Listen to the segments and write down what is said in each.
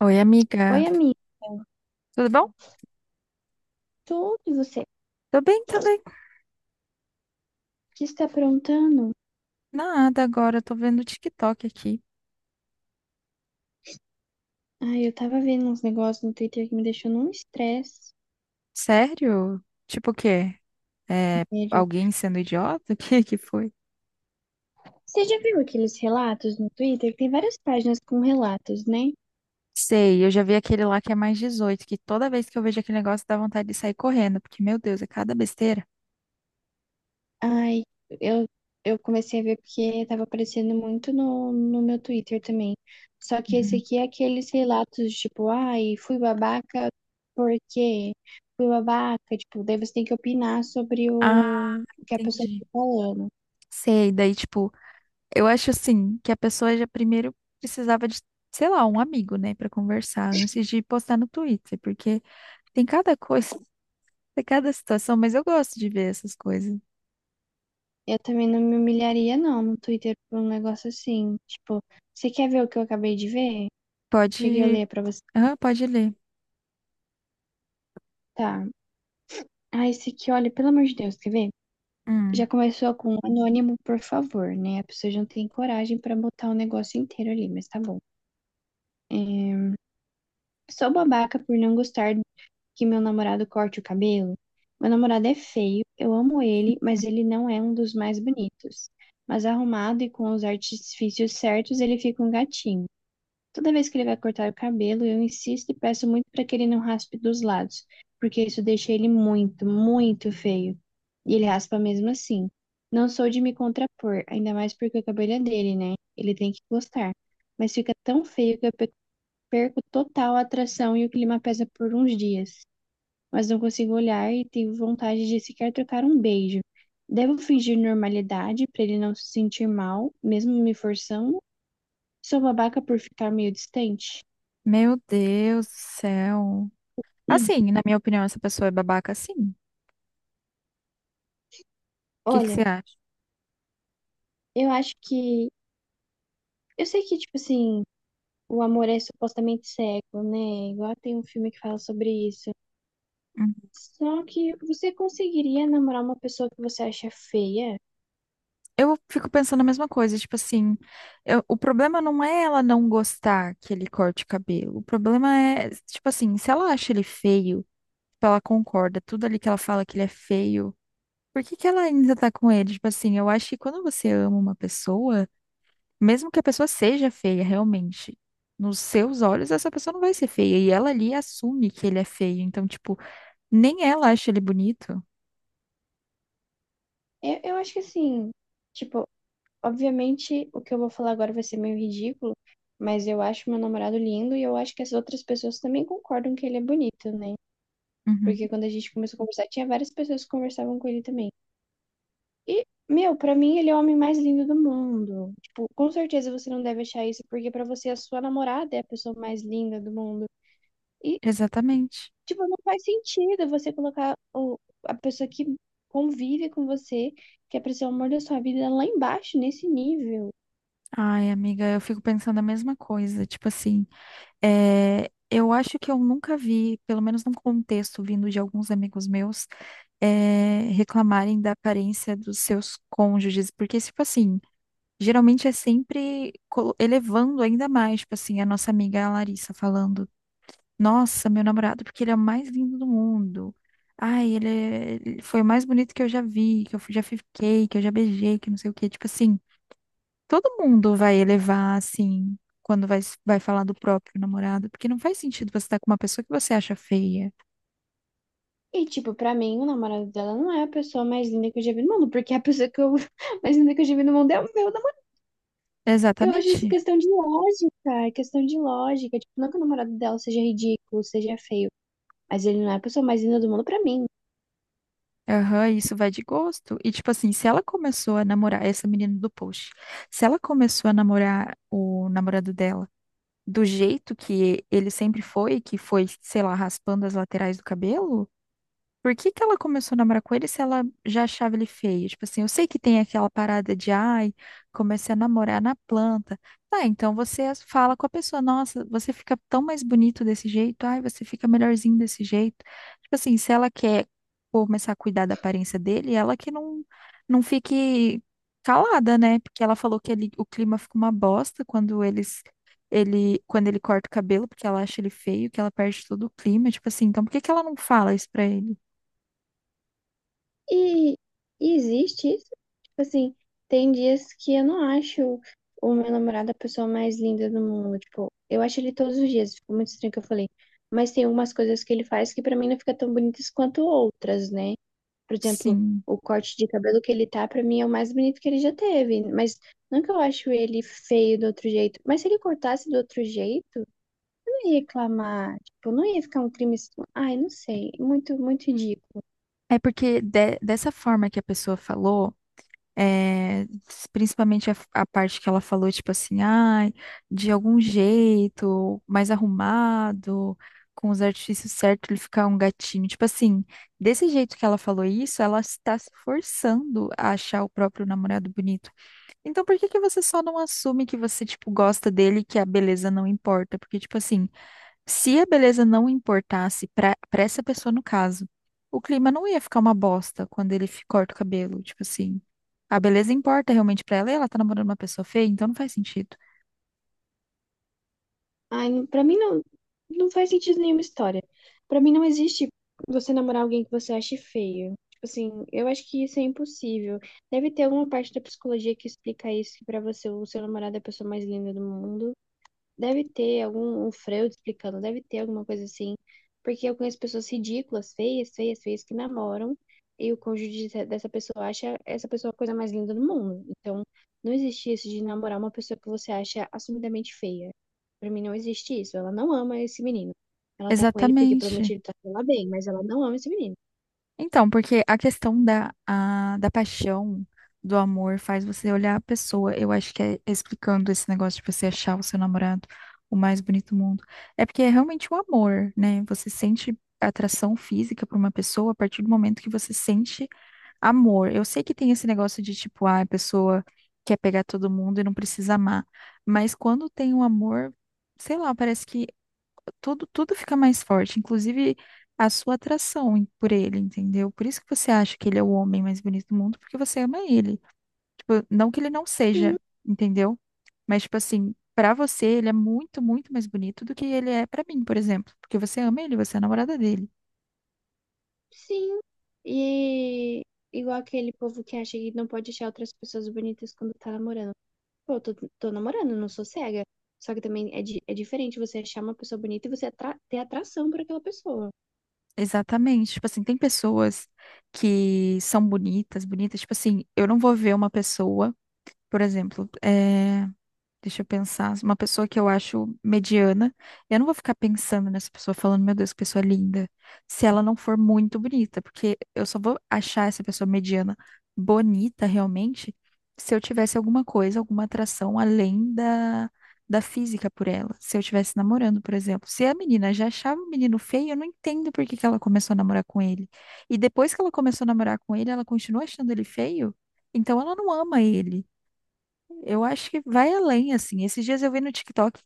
Oi, amiga. Oi, amigo. Tudo bom? Tudo e você? O Tô bem, tô bem. que está aprontando? Nada agora, tô vendo o TikTok aqui. Ai, eu tava vendo uns negócios no Twitter que me deixou num estresse, Sério? Tipo o quê? É, sério. alguém sendo idiota? O que que foi? Você já viu aqueles relatos no Twitter? Que Tem várias páginas com relatos, né? Sei, eu já vi aquele lá que é +18. Que toda vez que eu vejo aquele negócio dá vontade de sair correndo, porque, meu Deus, é cada besteira. Ai, eu, eu comecei a ver porque tava aparecendo muito no meu Twitter também. Só que esse Uhum. aqui é aqueles relatos, tipo, ai, fui babaca porque fui babaca. Tipo, daí você tem que opinar sobre Ah, o que a pessoa entendi. tá falando. Sei, daí, tipo, eu acho assim, que a pessoa já primeiro precisava de, sei lá, um amigo, né, pra conversar, antes de postar no Twitter, porque tem cada coisa. Tem cada situação, mas eu gosto de ver essas coisas. Eu também não me humilharia, não, no Twitter por um negócio assim. Tipo, você quer ver o que eu acabei de ver? O que que eu Pode. leio pra você? Ah, pode ler. Tá. Ah, esse aqui, olha, pelo amor de Deus, quer ver? Já Hum. começou com um anônimo, por favor, né? A pessoa já não tem coragem pra botar o negócio inteiro ali, mas tá bom. É, Sou babaca por não gostar que meu namorado corte o cabelo. Meu namorado é feio, eu amo ele, mas ele não é um dos mais bonitos. Mas arrumado e com os artifícios certos, ele fica um gatinho. Toda vez que ele vai cortar o cabelo, eu insisto e peço muito para que ele não raspe dos lados, porque isso deixa ele muito, muito feio. E ele raspa mesmo assim. Não sou de me contrapor, ainda mais porque o cabelo é dele, né? Ele tem que gostar. Mas fica tão feio que eu perco total a atração e o clima pesa por uns dias. Mas não consigo olhar e tenho vontade de sequer trocar um beijo. Devo fingir normalidade para ele não se sentir mal, mesmo me forçando? Sou babaca por ficar meio distante? Meu Deus do céu. Assim, na minha opinião, essa pessoa é babaca, sim. O que que Olha, você acha? eu acho que. Eu sei que, tipo assim, o amor é supostamente cego, né? Igual tem um filme que fala sobre isso. Hum. Só que você conseguiria namorar uma pessoa que você acha feia? Eu fico pensando a mesma coisa, tipo assim, o problema não é ela não gostar que ele corte o cabelo. O problema é, tipo assim, se ela acha ele feio, tipo, ela concorda, tudo ali que ela fala que ele é feio, por que que ela ainda tá com ele? Tipo assim, eu acho que quando você ama uma pessoa, mesmo que a pessoa seja feia, realmente, nos seus olhos, essa pessoa não vai ser feia. E ela ali assume que ele é feio. Então, tipo, nem ela acha ele bonito. Eu acho que assim, tipo, obviamente o que eu vou falar agora vai ser meio ridículo, mas eu acho meu namorado lindo e eu acho que as outras pessoas também concordam que ele é bonito, né? Uhum, Porque quando a gente começou a conversar, tinha várias pessoas que conversavam com ele também. E, meu, pra mim ele é o homem mais lindo do mundo. Tipo, com certeza você não deve achar isso, porque pra você a sua namorada é a pessoa mais linda do mundo. E, exatamente. tipo, não faz sentido você colocar o, a pessoa que convive com você, que é pra ser o amor da sua vida, lá embaixo, nesse nível. Ai, amiga, eu fico pensando a mesma coisa. Tipo assim, eu acho que eu nunca vi, pelo menos num contexto vindo de alguns amigos meus, reclamarem da aparência dos seus cônjuges. Porque, tipo assim, geralmente é sempre elevando ainda mais. Tipo assim, a nossa amiga Larissa falando. Nossa, meu namorado, porque ele é o mais lindo do mundo. Ai, ele foi o mais bonito que eu já vi, que eu já fiquei, que eu já beijei, que não sei o quê. Tipo assim, todo mundo vai elevar, assim, quando vai, vai falar do próprio namorado, porque não faz sentido você estar com uma pessoa que você acha feia. E, tipo, pra mim, o namorado dela não é a pessoa mais linda que eu já vi no mundo, porque a pessoa que eu, mais linda que eu já vi no mundo é o meu namorado. Eu acho isso Exatamente. questão de lógica, é questão de lógica. Tipo, não que o namorado dela seja ridículo, seja feio. Mas ele não é a pessoa mais linda do mundo pra mim. Aham, isso vai de gosto. E, tipo assim, se ela começou a namorar, essa menina do post, se ela começou a namorar o namorado dela do jeito que ele sempre foi, que foi, sei lá, raspando as laterais do cabelo. Por que que ela começou a namorar com ele se ela já achava ele feio? Tipo assim, eu sei que tem aquela parada de, ai, comecei a namorar na planta. Tá, então você fala com a pessoa, nossa, você fica tão mais bonito desse jeito, ai, você fica melhorzinho desse jeito. Tipo assim, se ela quer começar a cuidar da aparência dele, ela que não, não fique calada, né? Porque ela falou que ele, o clima fica uma bosta quando eles. Ele, quando ele corta o cabelo, porque ela acha ele feio, que ela perde todo o clima, tipo assim, então por que que ela não fala isso pra ele? E, e existe isso. Tipo assim, tem dias que eu não acho o meu namorado a pessoa mais linda do mundo. Tipo, eu acho ele todos os dias. Ficou muito estranho o que eu falei. Mas tem algumas coisas que ele faz que pra mim não fica tão bonitas quanto outras, né? Por exemplo, Sim. o corte de cabelo que ele tá, pra mim é o mais bonito que ele já teve. Mas não que eu acho ele feio do outro jeito. Mas se ele cortasse do outro jeito, eu não ia reclamar. Tipo, não ia ficar um crime. Assim. Ai, não sei. Muito, muito idiota. É porque dessa forma que a pessoa falou, é, principalmente a parte que ela falou, tipo assim, ai, de algum jeito, mais arrumado, com os artifícios certos, ele ficar um gatinho. Tipo assim, desse jeito que ela falou isso, ela está se forçando a achar o próprio namorado bonito. Então, por que que você só não assume que você, tipo, gosta dele e que a beleza não importa? Porque, tipo assim. Se a beleza não importasse para essa pessoa no caso, o clima não ia ficar uma bosta quando ele corta o cabelo, tipo assim. A beleza importa realmente para ela e ela tá namorando uma pessoa feia, então não faz sentido. Ai, pra mim não, não faz sentido nenhuma história. Pra mim não existe você namorar alguém que você ache feio. Tipo assim, eu acho que isso é impossível. Deve ter alguma parte da psicologia que explica isso, que pra você o seu namorado é a pessoa mais linda do mundo. Deve ter algum um Freud explicando, deve ter alguma coisa assim. Porque eu conheço pessoas ridículas, feias, feias, feias, que namoram e o cônjuge dessa pessoa acha essa pessoa a coisa mais linda do mundo. Então, não existe isso de namorar uma pessoa que você acha assumidamente feia. Pra mim, não existe isso. Ela não ama esse menino. Ela tá com ele porque promete Exatamente. ele tá com ela bem, mas ela não ama esse menino. Então, porque a questão da paixão, do amor, faz você olhar a pessoa. Eu acho que é explicando esse negócio de você achar o seu namorado o mais bonito do mundo. É porque é realmente o amor, né? Você sente atração física por uma pessoa a partir do momento que você sente amor. Eu sei que tem esse negócio de tipo, ah, a pessoa quer pegar todo mundo e não precisa amar. Mas quando tem um amor, sei lá, parece que tudo, tudo fica mais forte, inclusive a sua atração por ele, entendeu? Por isso que você acha que ele é o homem mais bonito do mundo, porque você ama ele. Tipo, não que ele não seja, Sim, entendeu? Mas, tipo assim, pra você, ele é muito, muito mais bonito do que ele é pra mim, por exemplo. Porque você ama ele, você é a namorada dele. sim. E igual aquele povo que acha que não pode achar outras pessoas bonitas quando tá namorando. Pô, eu tô namorando, não sou cega. Só que também é diferente você achar uma pessoa bonita e você ter atração por aquela pessoa. Exatamente. Tipo assim, tem pessoas que são bonitas, bonitas. Tipo assim, eu não vou ver uma pessoa, por exemplo, deixa eu pensar. Uma pessoa que eu acho mediana. Eu não vou ficar pensando nessa pessoa falando, meu Deus, que pessoa linda. Se ela não for muito bonita, porque eu só vou achar essa pessoa mediana bonita realmente se eu tivesse alguma coisa, alguma atração além da física por ela. Se eu estivesse namorando, por exemplo. Se a menina já achava o menino feio, eu não entendo por que que ela começou a namorar com ele. E depois que ela começou a namorar com ele, ela continua achando ele feio? Então ela não ama ele. Eu acho que vai além, assim. Esses dias eu vi no TikTok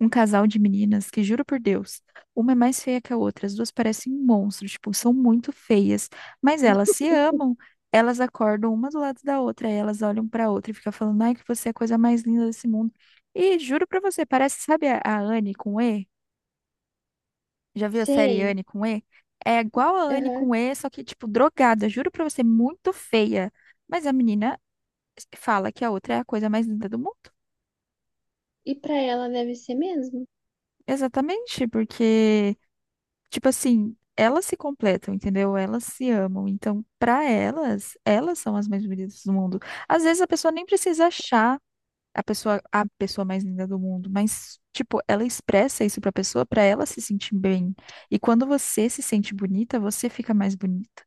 um casal de meninas que, juro por Deus, uma é mais feia que a outra. As duas parecem um monstro, tipo, são muito feias. Mas elas se amam, elas acordam uma do lado da outra, aí elas olham pra outra e ficam falando, ai, que você é a coisa mais linda desse mundo. E juro pra você, parece, sabe a Anne com E? Já viu a série Sei. Anne com E? É igual a Anne Aham. com E, só que, tipo, drogada. Juro pra você, muito feia. Mas a menina fala que a outra é a coisa mais linda do mundo. E pra ela deve ser mesmo? Exatamente, porque, tipo assim, elas se completam, entendeu? Elas se amam. Então, pra elas, elas são as mais bonitas do mundo. Às vezes a pessoa nem precisa achar a pessoa mais linda do mundo, mas tipo, ela expressa isso pra pessoa pra ela se sentir bem. E quando você se sente bonita, você fica mais bonita.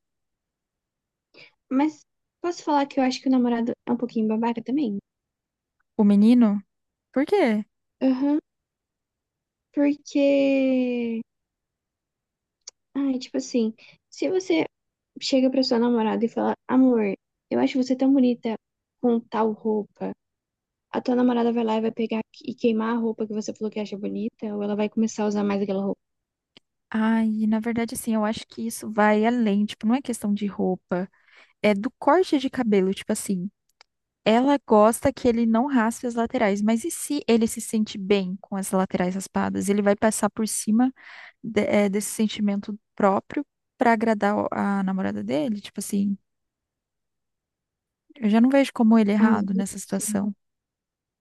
Mas posso falar que eu acho que o namorado é um pouquinho babaca também? O menino, por quê? Aham, porque. Ai, tipo assim, se você chega pra sua namorada e fala, amor, eu acho você tão bonita com tal roupa, a tua namorada vai lá e vai pegar e queimar a roupa que você falou que acha bonita, ou ela vai começar a usar mais aquela roupa. Ai, na verdade, assim, eu acho que isso vai além, tipo, não é questão de roupa, é do corte de cabelo, tipo assim. Ela gosta que ele não raspe as laterais, mas e se ele se sente bem com as laterais raspadas? Ele vai passar por cima desse sentimento próprio para agradar a namorada dele? Tipo assim, eu já não vejo como ele é Ah, errado não nessa situação.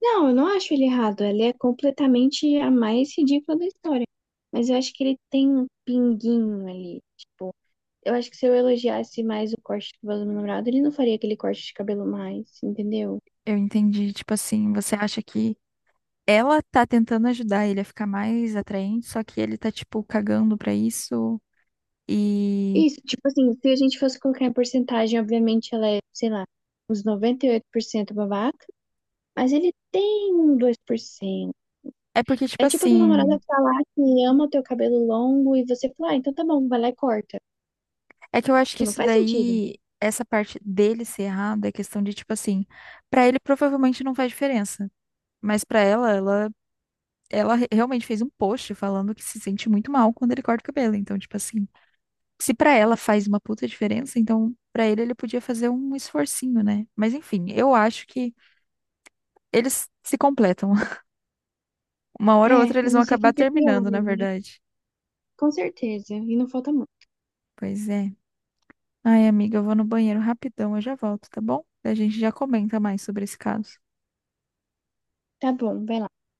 Não, eu não acho ele errado. Ele é completamente a mais ridícula da história. Mas eu acho que ele tem um pinguinho ali. Tipo, eu acho que se eu elogiasse mais o corte de cabelo do meu namorado, ele não faria aquele corte de cabelo mais, entendeu? Eu entendi, tipo assim, você acha que ela tá tentando ajudar ele a ficar mais atraente, só que ele tá, tipo, cagando pra isso e. Isso, tipo assim, se a gente fosse colocar em porcentagem, obviamente ela é, sei lá, uns 98% babaca, mas ele tem um 2%. É porque, É tipo tipo a tua assim, namorada falar que ama o teu cabelo longo e você falar, ah, então tá bom, vai lá e corta. é que eu acho que Tipo, não isso faz sentido. daí, essa parte dele ser errado, é questão de, tipo assim, pra ele provavelmente não faz diferença. Mas pra ela, realmente fez um post falando que se sente muito mal quando ele corta o cabelo. Então, tipo assim, se pra ela faz uma puta diferença, então pra ele podia fazer um esforcinho, né? Mas enfim, eu acho que eles se completam. Uma É, hora ou outra eles eu vão não sei acabar quem que é pior, terminando, na né? verdade. Com certeza, e não falta muito. Pois é. Ai, amiga, eu vou no banheiro rapidão, eu já volto, tá bom? A gente já comenta mais sobre esse caso. Tá bom, vai lá.